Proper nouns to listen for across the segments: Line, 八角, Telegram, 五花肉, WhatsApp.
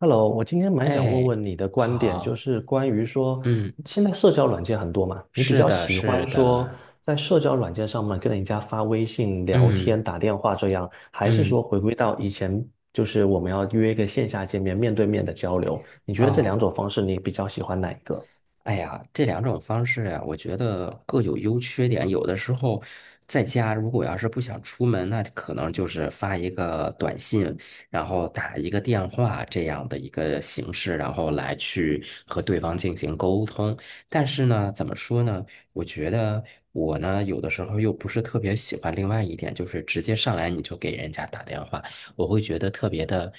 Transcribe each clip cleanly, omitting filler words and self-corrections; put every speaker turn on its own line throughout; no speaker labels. Hello，我今天蛮想问
哎，
问你的观点，就
好，
是关于说，
嗯，
现在社交软件很多嘛，你比
是
较
的，
喜欢
是
说
的，
在社交软件上面跟人家发微信聊天、
嗯
打电话这样，还是
嗯，
说回归到以前，就是我们要约一个线下见面、面对面的交流？你觉得这两
哦，
种方式，你比较喜欢哪一个？
哎呀，这两种方式呀，我觉得各有优缺点。有的时候在家，如果要是不想出门，那可能就是发一个短信，然后打一个电话这样的一个形式，然后来去和对方进行沟通。但是呢，怎么说呢？我觉得我呢，有的时候又不是特别喜欢另外一点，就是直接上来你就给人家打电话，我会觉得特别的，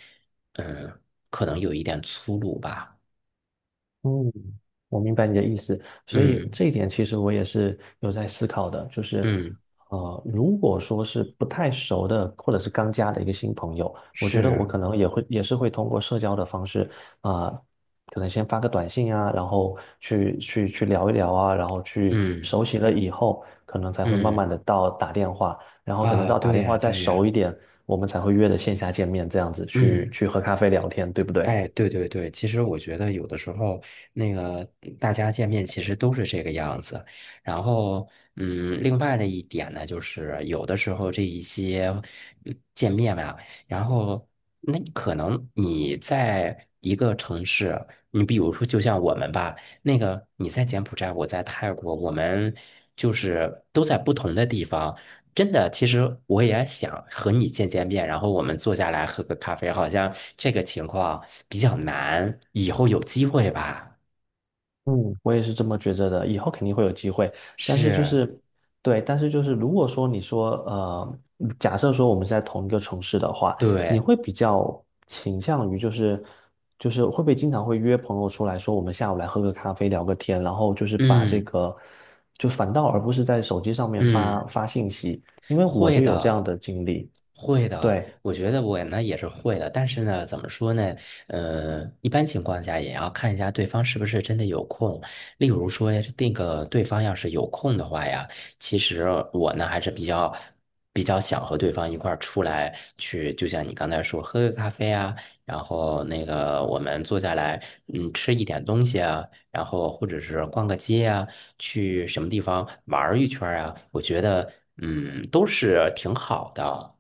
嗯，可能有一点粗鲁吧。
嗯，我明白你的意思，所以
嗯
这一点其实我也是有在思考的，就是，
嗯，
如果说是不太熟的或者是刚加的一个新朋友，我觉得我
是。
可能也会也是会通过社交的方式，啊、可能先发个短信啊，然后去聊一聊啊，然后去
嗯
熟悉了以后，可能才会慢慢
嗯
的到打电话，然后可能
啊，
到打
对
电
呀
话再
对
熟
呀，
一点，我们才会约的线下见面，这样子去
嗯，
去喝咖啡聊天，对不对？
哎，对对对，其实我觉得有的时候那个大家见面其实都是这个样子，然后另外的一点呢，就是有的时候这一些见面吧，然后那可能你在一个城市，你比如说就像我们吧，那个你在柬埔寨，我在泰国，我们就是都在不同的地方。真的，其实我也想和你见见面，然后我们坐下来喝个咖啡，好像这个情况比较难，以后有机会吧？
嗯，我也是这么觉着的，以后肯定会有机会。但是就
是，
是，对，但是就是，如果说你说，假设说我们是在同一个城市的话，你
对，
会比较倾向于就是，就是会不会经常会约朋友出来说，我们下午来喝个咖啡，聊个天，然后就是把这
嗯
个，就反倒而不是在手机上面发
嗯。
发信息，因为我
会
就有这样
的，
的经历。
会的，
对，
我觉得我呢也是会的，但是呢，怎么说呢？一般情况下也要看一下对方是不是真的有空。例如说，那个对方要是有空的话呀，其实我呢还是比较想和对方一块儿出来去，就像你刚才说，喝个咖啡啊，然后那个我们坐下来，吃一点东西啊，然后或者是逛个街啊，去什么地方玩儿一圈儿啊，我觉得都是挺好的，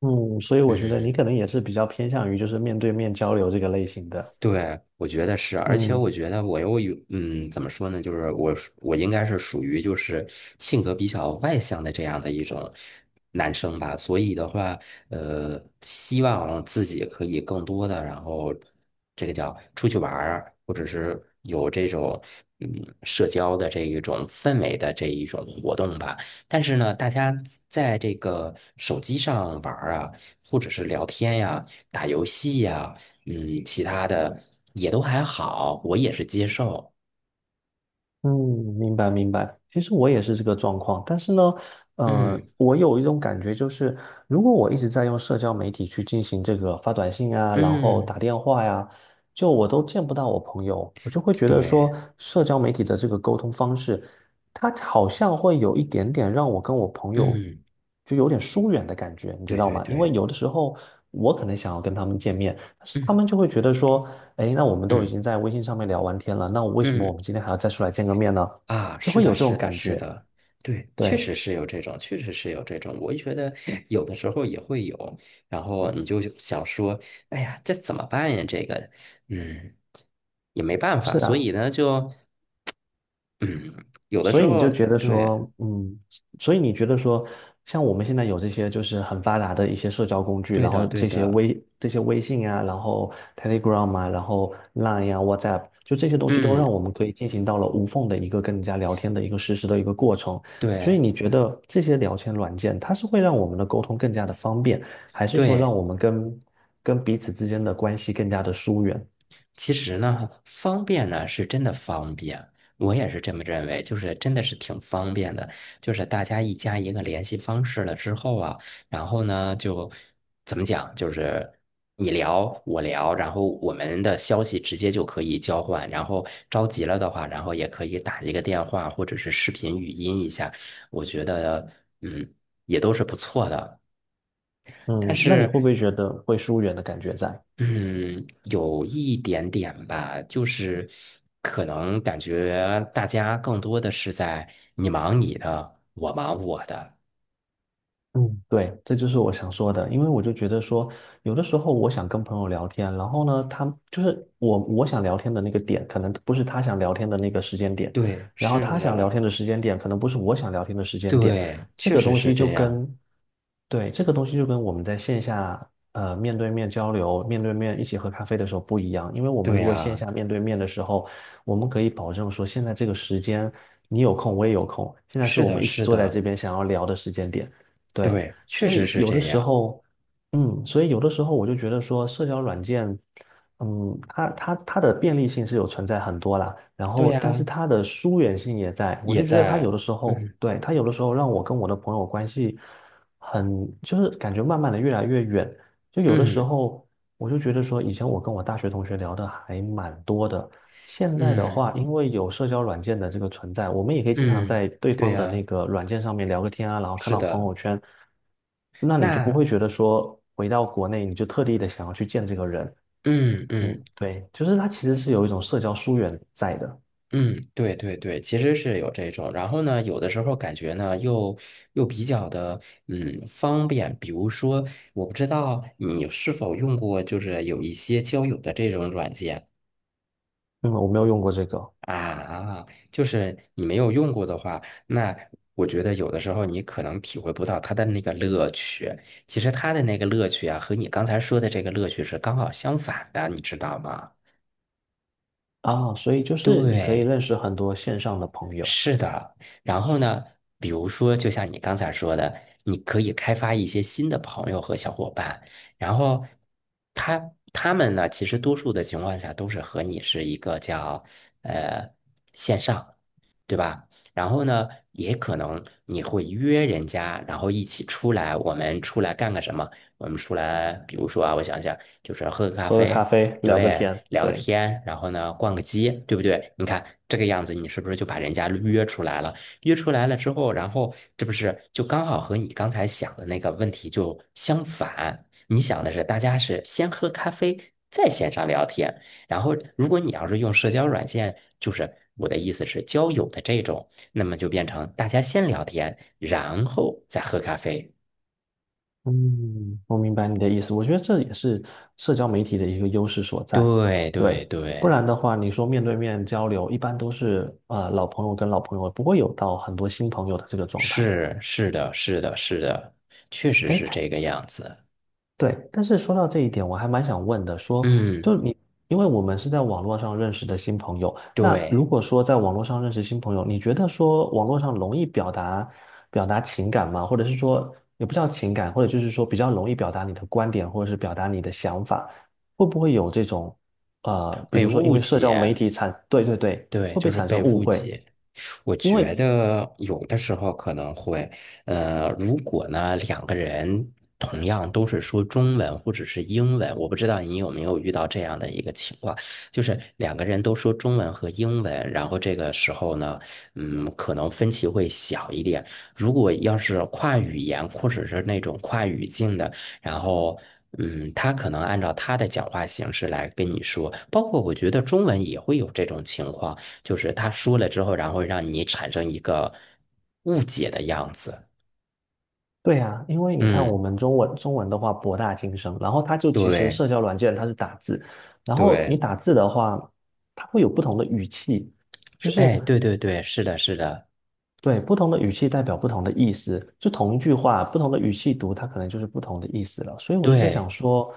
嗯，所以我觉得
嗯。
你可能也是比较偏向于就是面对面交流这个类型的。
对，我觉得是，而且
嗯。
我觉得我又有，怎么说呢？就是我应该是属于就是性格比较外向的这样的一种男生吧，所以的话，希望自己可以更多的，然后这个叫出去玩儿，或者是有这种嗯社交的这一种氛围的这一种活动吧。但是呢，大家在这个手机上玩儿啊，或者是聊天呀、打游戏呀。嗯，其他的也都还好，我也是接受。
嗯，明白明白。其实我也是这个状况，但是呢，
嗯
我有一种感觉，就是如果我一直在用社交媒体去进行这个发短信啊，然后
嗯，
打电话呀，就我都见不到我朋友，我就会觉得
对，
说，社交媒体的这个沟通方式，它好像会有一点点让我跟我朋友
嗯
就有点疏远的感觉，你知
对
道
对
吗？因
对，
为有的时候我可能想要跟他们见面，但是他
嗯
们就会觉得说。诶，那我们都已
嗯
经在微信上面聊完天了，那为什么我
嗯
们今天还要再出来见个面呢？
啊，
就
是
会
的，
有这种
是的，
感
是
觉。
的，对，确
对，
实是有这种，确实是有这种，我觉得 有的时候也会有，然后你就想说，哎呀，这怎么办呀？这个，嗯，也没办法，
是
所
的。
以呢，就嗯，有的
所
时
以你
候，
就觉得
对，
说，嗯，所以你觉得说，像我们现在有这些就是很发达的一些社交工具，
对
然
的，
后
对
这些
的，
微这些微信啊，然后 Telegram 啊，然后 Line 啊，WhatsApp，就这些东西都
嗯，
让我们可以进行到了无缝的一个跟人家聊天的一个实时的一个过程。所以
对
你觉得这些聊天软件，它是会让我们的沟通更加的方便，还是说
对。
让我们跟彼此之间的关系更加的疏远？
其实呢，方便呢是真的方便，我也是这么认为，就是真的是挺方便的。就是大家一加一个联系方式了之后啊，然后呢就怎么讲，就是你聊我聊，然后我们的消息直接就可以交换，然后着急了的话，然后也可以打一个电话或者是视频语音一下，我觉得嗯也都是不错的。但
嗯，那你会
是
不会觉得会疏远的感觉在？
嗯，有一点点吧，就是可能感觉大家更多的是在你忙你的，我忙我的。
嗯，对，这就是我想说的，因为我就觉得说，有的时候我想跟朋友聊天，然后呢，他就是我想聊天的那个点，可能不是他想聊天的那个时间点，
对，
然后
是
他想聊
的，
天的时间点，可能不是我想聊天的时间点，
对，
这
确
个
实
东
是
西就
这样。
跟对，这个东西就跟我们在线下面对面交流、面对面一起喝咖啡的时候不一样，因为我们
对
如果线
呀，
下面对面的时候，我们可以保证说现在这个时间你有空，我也有空，现在是
是
我
的，
们一起
是
坐在这
的，
边想要聊的时间点。对，
对，确
所
实
以
是
有的
这
时
样。
候，嗯，所以有的时候我就觉得说社交软件，嗯，它的便利性是有存在很多啦，然
对
后但是
呀，
它的疏远性也在，我
也
就觉得它有
在，
的时候，
嗯
对，它有的时候让我跟我的朋友关系。很，就是感觉慢慢的越来越远。就有的时
嗯
候，我就觉得说，以前我跟我大学同学聊的还蛮多的。现在的话，
嗯
因为有社交软件的这个存在，我们也可以经常
嗯，
在对
对
方的
呀，
那个软件上面聊个天啊，然后看
是
到朋
的。
友圈，那你就不
那，
会觉得说回到国内你就特地的想要去见这个人。
嗯嗯。
嗯，对，就是它其实是有一种社交疏远在的。
嗯，对对对，其实是有这种，然后呢，有的时候感觉呢，又比较的，方便。比如说，我不知道你是否用过，就是有一些交友的这种软件
嗯，我没有用过这个
啊，就是你没有用过的话，那我觉得有的时候你可能体会不到它的那个乐趣。其实它的那个乐趣啊，和你刚才说的这个乐趣是刚好相反的，你知道吗？
啊，所以就是你可以
对。
认识很多线上的朋友，
是的，然后呢，比如说，就像你刚才说的，你可以开发一些新的朋友和小伙伴，然后他他们呢，其实多数的情况下都是和你是一个叫呃线上，对吧？然后呢，也可能你会约人家，然后一起出来，我们出来干个什么？我们出来，比如说啊，我想想，就是喝个咖
喝个咖
啡，
啡，聊个
对，
天。
聊个
对。
天，然后呢，逛个街，对不对？你看这个样子，你是不是就把人家约出来了？约出来了之后，然后这不是就刚好和你刚才想的那个问题就相反？你想的是大家是先喝咖啡，再线上聊天。然后，如果你要是用社交软件，就是我的意思是交友的这种，那么就变成大家先聊天，然后再喝咖啡。
嗯，我明白你的意思。我觉得这也是社交媒体的一个优势所在。
对
对，
对
不
对，
然的话，你说面对面交流，一般都是老朋友跟老朋友，不会有到很多新朋友的这个状态。
是是的，是的，是的，确实是这个样子。
对，但是说到这一点，我还蛮想问的，说，
嗯，
就你，因为我们是在网络上认识的新朋友，那如
对，
果说在网络上认识新朋友，你觉得说网络上容易表达表达情感吗？或者是说，也不叫情感，或者就是说比较容易表达你的观点，或者是表达你的想法，会不会有这种，比
被
如说因
误
为社交媒
解。
体产，对对对，
对，
会不
就
会
是
产生
被
误
误
会？
解。我
因为
觉得有的时候可能会，如果呢两个人同样都是说中文或者是英文，我不知道你有没有遇到这样的一个情况，就是两个人都说中文和英文，然后这个时候呢，可能分歧会小一点。如果要是跨语言或者是那种跨语境的，然后。他可能按照他的讲话形式来跟你说，包括我觉得中文也会有这种情况，就是他说了之后，然后让你产生一个误解的样子。
对啊，因为你看我
嗯，
们中文的话博大精深，然后它就其实
对
社交软件它是打字，然后你
对，
打字的话，它会有不同的语气，就
是，哎，
是
对对对，是的，是的，
对，不同的语气代表不同的意思，就同一句话，不同的语气读，它可能就是不同的意思了。所以我就在想
对，
说，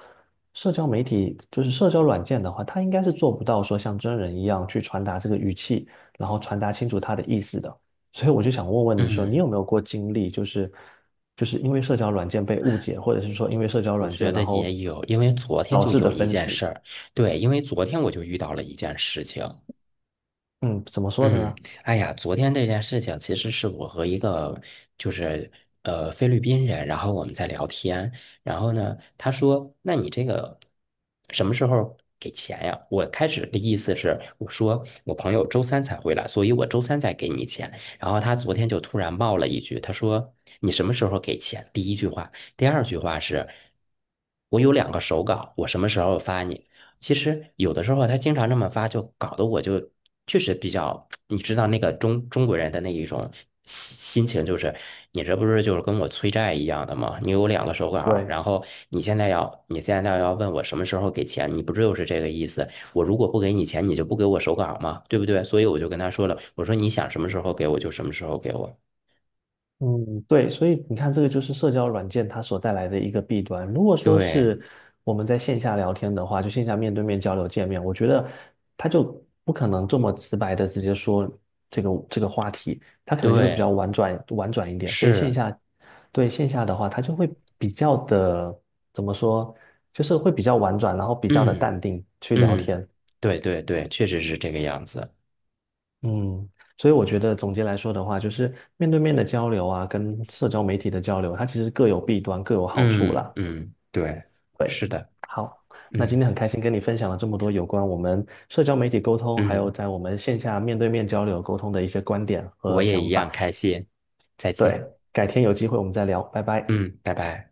社交媒体就是社交软件的话，它应该是做不到说像真人一样去传达这个语气，然后传达清楚它的意思的。所以我就想问问你说，你
嗯，
有没有过经历，就是就是因为社交软件被误解，或者是说因为社交
我
软
觉
件
得
然
也
后
有，因为昨天
导
就
致的
有一
分
件
歧？
事儿，对，因为昨天我就遇到了一件事情，
嗯，怎么说的
嗯，
呢？
哎呀，昨天这件事情其实是我和一个就是菲律宾人，然后我们在聊天，然后呢，他说：“那你这个什么时候给钱呀？”我开始的意思是，我说我朋友周三才回来，所以我周三再给你钱。然后他昨天就突然冒了一句，他说：“你什么时候给钱？”第一句话，第二句话是：“我有两个手稿，我什么时候发你？”其实有的时候他经常这么发，就搞得我就确实比较，你知道那个中国人的那一种心情，就是你这不是就是跟我催债一样的吗？你有两个手稿
对。
然后你现在要问我什么时候给钱，你不就是这个意思？我如果不给你钱，你就不给我手稿吗？对不对？所以我就跟他说了，我说你想什么时候给我就什么时候给我。
嗯，对，所以你看，这个就是社交软件它所带来的一个弊端。如果说
对
是我们在线下聊天的话，就线下面对面交流见面，我觉得他就不可能这么直白的直接说这个话题，他可能就会比
对，
较婉转一点。所以线
是，
下对线下的话，他就会比较的怎么说，就是会比较婉转，然后比较的
嗯
淡定去聊
嗯，
天。
对对对，确实是这个样子。
嗯，所以我觉得总结来说的话，就是面对面的交流啊，跟社交媒体的交流，它其实各有弊端，各有好处
嗯
啦。
嗯，对，
对，
是的，
好，那今
嗯
天很开心跟你分享了这么多有关我们社交媒体沟通，还有
嗯，
在我们线下面对面交流沟通的一些观点
我
和
也一
想法。
样开心，再见，
对，改天有机会我们再聊，拜拜。
嗯，拜拜。